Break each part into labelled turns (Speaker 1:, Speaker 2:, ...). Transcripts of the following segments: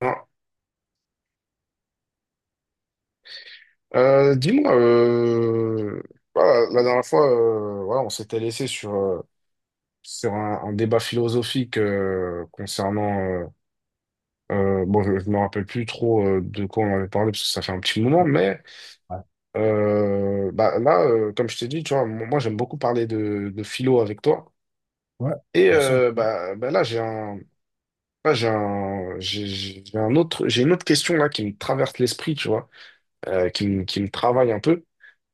Speaker 1: Non. Dis-moi, voilà, la dernière fois, voilà, on s'était laissé sur un débat philosophique concernant. Bon, je ne me rappelle plus trop de quoi on avait parlé parce que ça fait un petit moment, mais
Speaker 2: Ouais,
Speaker 1: bah, là, comme je t'ai dit, tu vois, moi j'aime beaucoup parler de philo avec toi.
Speaker 2: Ouais,
Speaker 1: Et
Speaker 2: bien sûr.
Speaker 1: bah, là, j'ai une autre question là qui me traverse l'esprit, tu vois, qui me travaille un peu.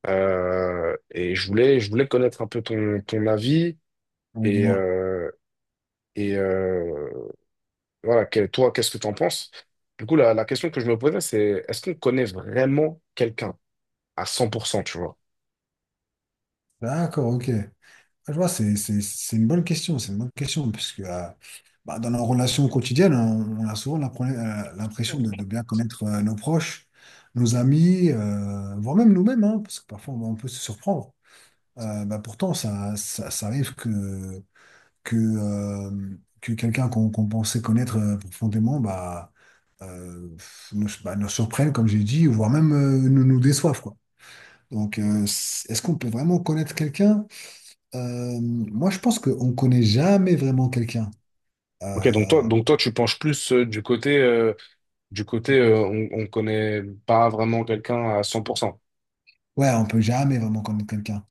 Speaker 1: Et je voulais, connaître un peu ton avis
Speaker 2: Oui,
Speaker 1: et,
Speaker 2: dis-moi.
Speaker 1: euh, et euh, voilà, toi, qu'est-ce que tu en penses? Du coup, la question que je me posais, c'est est-ce qu'on connaît vraiment quelqu'un à cent pour cent, tu vois?
Speaker 2: D'accord, ok. Ah, je vois, c'est une bonne question. C'est une bonne question, puisque bah, dans nos relations quotidiennes, on a souvent l'impression de bien connaître nos proches, nos amis, voire même nous-mêmes, hein, parce que parfois on peut se surprendre. Bah, pourtant, ça arrive que quelqu'un qu'on pensait connaître profondément, euh, bah, nous surprenne, comme j'ai dit, voire même nous déçoive, quoi. Donc, est-ce qu'on peut vraiment connaître quelqu'un? Moi, je pense qu'on ne connaît jamais vraiment quelqu'un.
Speaker 1: Ok,
Speaker 2: Euh,
Speaker 1: donc toi, tu penches plus du côté, on connaît pas vraiment quelqu'un à cent pour cent.
Speaker 2: ouais, on peut jamais vraiment connaître quelqu'un.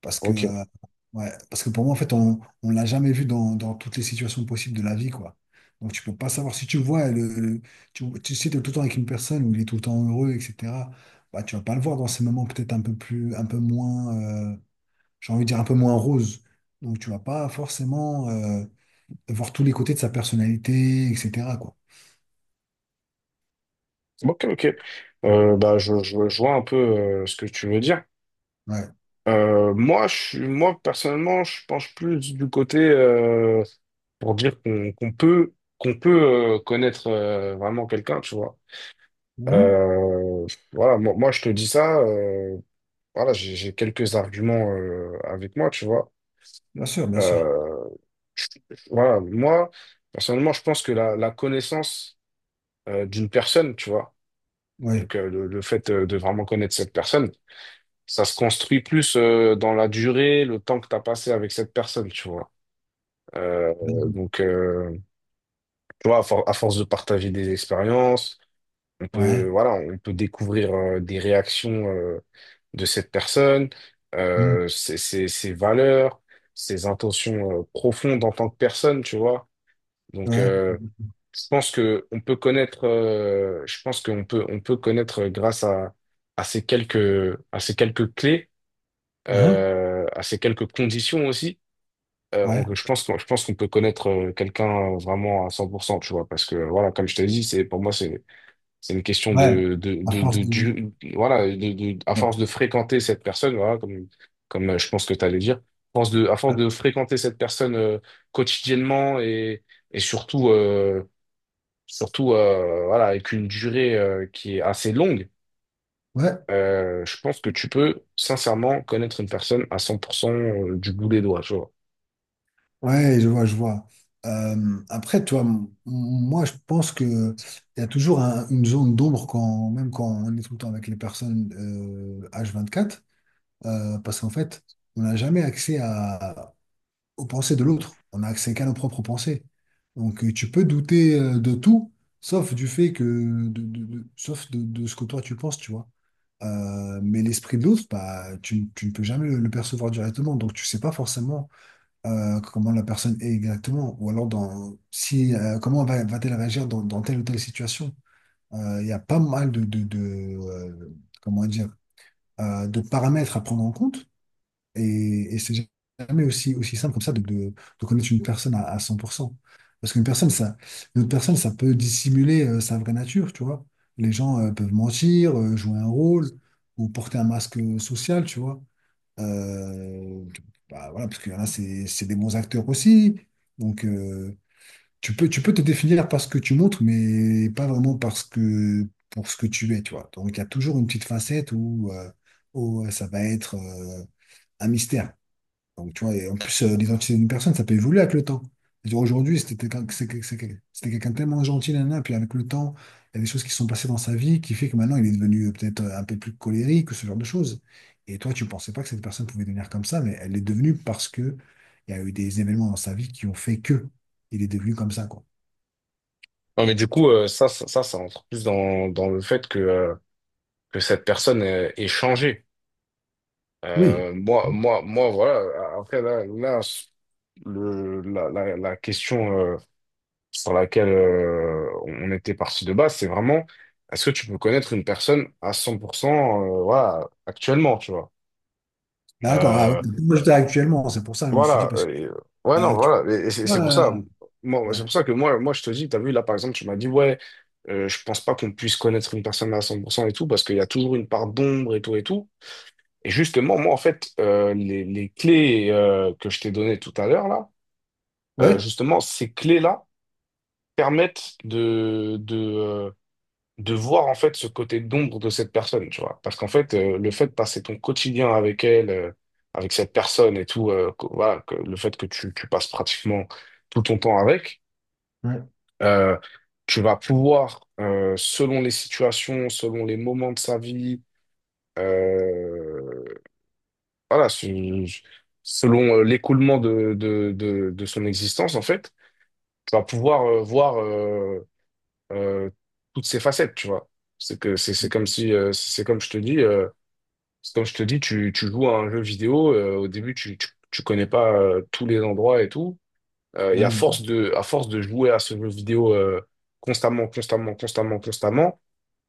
Speaker 2: Parce que,
Speaker 1: Ok,
Speaker 2: euh, ouais, parce que pour moi, en fait, on ne l'a jamais vu dans toutes les situations possibles de la vie, quoi. Donc, tu peux pas savoir si tu vois, tu, tu sais, t'es tout le temps avec une personne où il est tout le temps heureux, etc. Bah, tu vas pas le voir dans ces moments peut-être un peu plus, un peu moins, euh, j'ai envie de dire un peu moins rose. Donc, tu vas pas forcément. Voir tous les côtés de sa personnalité, etc., quoi.
Speaker 1: ok, ok. Bah, je vois un peu ce que tu veux dire.
Speaker 2: Ouais.
Speaker 1: Moi, moi, personnellement, je penche plus du côté pour dire qu'on peut connaître vraiment quelqu'un, tu vois.
Speaker 2: Hein?
Speaker 1: Euh, voilà, moi, je te dis ça, voilà, j'ai quelques arguments avec moi, tu vois.
Speaker 2: Bien sûr, bien sûr.
Speaker 1: Euh, voilà, moi, personnellement, je pense que la connaissance d'une personne, tu vois,
Speaker 2: Ouais.
Speaker 1: donc le fait de vraiment connaître cette personne, ça se construit plus dans la durée, le temps que tu as passé avec cette personne, tu vois. Euh, donc, euh, Tu vois, à force de partager des expériences, on peut,
Speaker 2: Ouais.
Speaker 1: voilà, on peut découvrir des réactions de cette personne,
Speaker 2: Mm.
Speaker 1: ses valeurs, ses intentions profondes en tant que personne, tu vois. Donc,
Speaker 2: Ouais.
Speaker 1: je pense on peut connaître grâce à, à ces quelques clés,
Speaker 2: Hein?
Speaker 1: à ces quelques conditions aussi.
Speaker 2: Ouais.
Speaker 1: Je pense qu'on peut connaître quelqu'un vraiment à cent pour cent, tu vois, parce que voilà, comme je te dis, c'est pour moi, c'est une question
Speaker 2: Ouais. À force de…
Speaker 1: voilà, à
Speaker 2: Ouais.
Speaker 1: force de fréquenter cette personne, voilà, comme je pense que tu allais dire, à force de fréquenter cette personne quotidiennement et surtout, voilà, avec une durée qui est assez longue,
Speaker 2: Ouais,
Speaker 1: je pense que tu peux sincèrement connaître une personne à 100% du bout des doigts, tu vois.
Speaker 2: ouais, je vois, je vois. Après, moi, je pense que il y a toujours une zone d'ombre quand, même quand on est tout le temps avec les personnes H24, parce qu'en fait, on n'a jamais accès à, aux pensées de l'autre. On n'a accès qu'à nos propres pensées. Donc tu peux douter de tout, sauf du fait que, sauf de ce que toi tu penses, tu vois. Mais l'esprit de l'autre, bah, tu ne peux jamais le percevoir directement, donc tu sais pas forcément comment la personne est exactement, ou alors dans, si, comment va-t-elle réagir dans telle ou telle situation. Il y a pas mal de, comment dire, de paramètres à prendre en compte. Et c'est jamais aussi, aussi simple comme ça de connaître une personne à 100%. Parce qu'une personne, ça, une autre personne, ça peut dissimuler sa vraie nature, tu vois. Les gens peuvent mentir, jouer un rôle ou porter un masque social, tu vois. Euh, Bah, voilà, parce qu'il y en a, c'est des bons acteurs aussi. Donc, tu peux te définir par ce que tu montres, mais pas vraiment parce que, pour ce que tu es, tu vois. Donc, il y a toujours une petite facette où ça va être… un mystère. Donc, tu vois, et en plus, l'identité d'une personne, ça peut évoluer avec le temps. C'est-à-dire, aujourd'hui, c'était quelqu'un c'est quel- c'était quelqu'un tellement gentil, nanana, puis avec le temps, il y a des choses qui se sont passées dans sa vie qui fait que maintenant, il est devenu peut-être un peu plus colérique, ou ce genre de choses. Et toi, tu pensais pas que cette personne pouvait devenir comme ça, mais elle l'est devenue parce que il y a eu des événements dans sa vie qui ont fait que il est devenu comme ça, quoi.
Speaker 1: Non, mais du
Speaker 2: Tu
Speaker 1: coup, ça entre plus dans le fait que cette personne est changée.
Speaker 2: Oui.
Speaker 1: Euh, moi,
Speaker 2: vois.
Speaker 1: moi, moi, voilà. Après, là, la question sur laquelle on était parti de base, c'est vraiment, est-ce que tu peux connaître une personne à 100%, voilà, actuellement, tu vois?
Speaker 2: D'accord, ah, ouais,
Speaker 1: Euh,
Speaker 2: moi, j'étais actuellement, c'est pour ça que je me suis dit,
Speaker 1: voilà.
Speaker 2: parce que…
Speaker 1: Ouais, non,
Speaker 2: ah, tu-
Speaker 1: voilà. Et c'est pour ça,
Speaker 2: ah, ouais,
Speaker 1: que moi, je te dis, t'as vu, là, par exemple, tu m'as dit, ouais, je pense pas qu'on puisse connaître une personne à 100% et tout, parce qu'il y a toujours une part d'ombre et tout et tout. Et justement, moi, en fait, les clés que je t'ai données tout à l'heure, là,
Speaker 2: ouais,
Speaker 1: justement, ces clés-là permettent de voir, en fait, ce côté d'ombre de cette personne, tu vois. Parce qu'en fait, le fait de passer ton quotidien avec elle, avec cette personne et tout, voilà, que, le fait tu passes pratiquement tout ton temps avec,
Speaker 2: ouais,
Speaker 1: euh, tu vas pouvoir, selon les situations, selon les moments de sa vie, euh, Voilà, je- je- selon l'écoulement de son existence, en fait, tu vas pouvoir voir euh, toutes ses facettes, tu vois. C'est comme si c'est comme je te dis, tu joues à un jeu vidéo, au début tu connais pas tous les endroits et tout, et
Speaker 2: ouais, j'avoue.
Speaker 1: à force de jouer à ce jeu vidéo constamment constamment constamment constamment,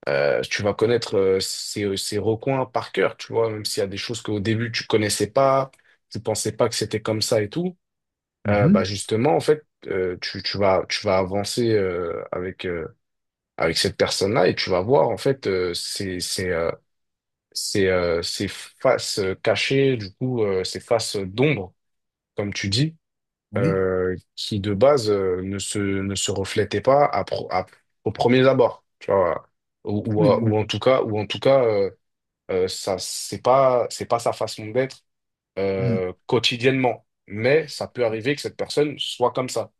Speaker 1: tu vas connaître ces recoins par cœur, tu vois, même s'il y a des choses qu'au début tu connaissais pas, tu pensais pas que c'était comme ça et tout, bah
Speaker 2: Mhm.
Speaker 1: justement, en fait, tu vas avancer avec cette personne-là et tu vas voir, en fait, ces faces cachées, du coup, ces faces d'ombre, comme tu dis,
Speaker 2: Oui,
Speaker 1: qui de base ne se reflétaient pas au premier abord, tu vois,
Speaker 2: oui.
Speaker 1: ou en tout cas, c'est pas sa façon d'être
Speaker 2: Mhm.
Speaker 1: quotidiennement. Mais ça peut arriver que cette personne soit comme ça.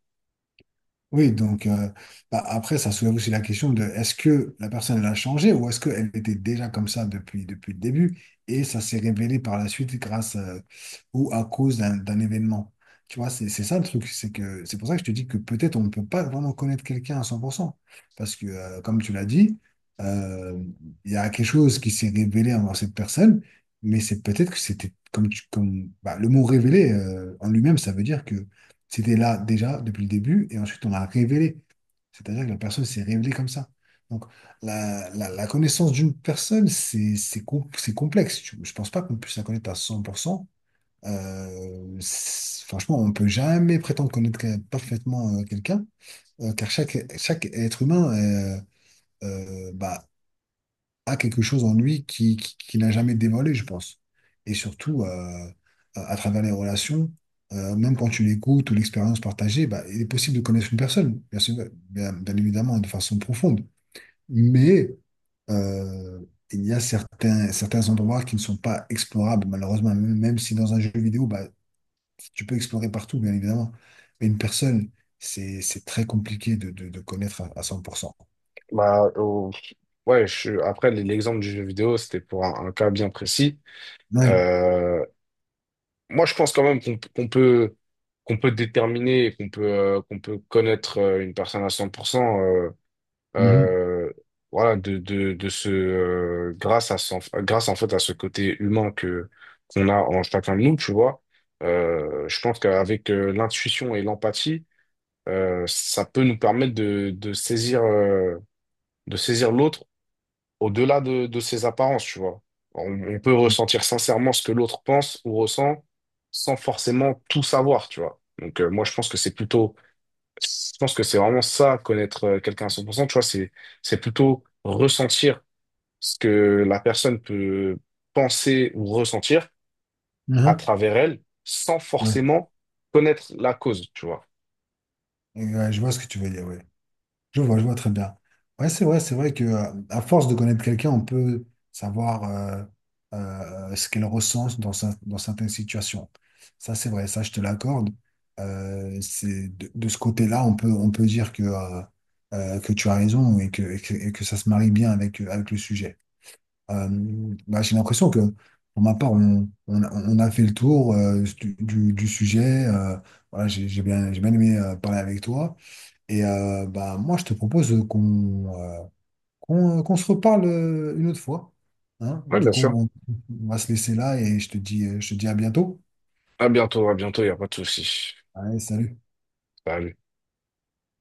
Speaker 2: Oui, donc après, ça soulève aussi la question de est-ce que la personne elle a changé ou est-ce qu'elle était déjà comme ça depuis le début et ça s'est révélé par la suite grâce ou à cause d'un événement. Tu vois, c'est ça le truc, c'est que c'est pour ça que je te dis que peut-être on ne peut pas vraiment connaître quelqu'un à cent pour cent. Parce que, comme tu l'as dit, euh, il y a quelque chose qui s'est révélé envers cette personne, mais c'est peut-être que c'était comme, comme bah, le mot révélé en lui-même, ça veut dire que c'était là déjà depuis le début et ensuite on l'a révélé. C'est-à-dire que la personne s'est révélée comme ça. Donc la connaissance d'une personne, c'est complexe. Je ne pense pas qu'on puisse la connaître à 100%. Franchement, on ne peut jamais prétendre parfaitement quelqu'un, car chaque être humain bah, a quelque chose en lui qui n'a jamais dévoilé, je pense. Et surtout, à travers les relations, même quand tu l'écoutes ou l'expérience partagée, bah, il est possible de connaître une personne, bien sûr, bien évidemment, de façon profonde. Mais euh, il y a certains endroits qui ne sont pas explorables, malheureusement, même si dans un jeu vidéo, bah, tu peux explorer partout, bien évidemment. Mais une personne, c'est très compliqué de connaître à cent pour cent.
Speaker 1: Bah, ouais, après, l'exemple du jeu vidéo, c'était pour un cas bien précis.
Speaker 2: Ouais.
Speaker 1: Euh, Moi, je pense quand même qu'on peut, déterminer, et qu'on peut connaître une personne à cent pour cent,
Speaker 2: Mhm.
Speaker 1: euh, voilà, de ce grâce en fait à ce côté humain que qu'on a en chacun de nous, tu vois. Je pense qu'avec l'intuition et l'empathie, ça peut nous permettre de saisir l'autre au-delà de ses apparences, tu vois. On peut ressentir sincèrement ce que l'autre pense ou ressent sans forcément tout savoir, tu vois. Donc moi je pense que c'est plutôt, je pense que c'est vraiment ça, connaître quelqu'un à 100%. Tu vois, c'est plutôt ressentir ce que la personne peut penser ou ressentir à travers elle, sans
Speaker 2: Mhm.
Speaker 1: forcément connaître la cause, tu vois.
Speaker 2: Ouais, je vois ce que tu veux dire, oui. Je vois très bien. Ouais, c'est vrai que à force de connaître quelqu'un, on peut savoir ce qu'elle ressent dans certaines situations. Ça, c'est vrai, ça, je te l'accorde. C'est de ce côté-là, on peut dire que tu as raison et que ça se marie bien avec le sujet. Euh, bah, j'ai l'impression que, pour ma part, on a fait le tour euh, du du sujet. Voilà, j'ai bien aimé parler avec toi. Et bah, moi, je te propose qu'on se reparle une autre fois. Hein?
Speaker 1: Oui,
Speaker 2: Du
Speaker 1: bien
Speaker 2: coup,
Speaker 1: sûr.
Speaker 2: on va se laisser là et je te dis, à bientôt.
Speaker 1: À bientôt, il n'y a pas de souci.
Speaker 2: Allez, salut.
Speaker 1: Salut.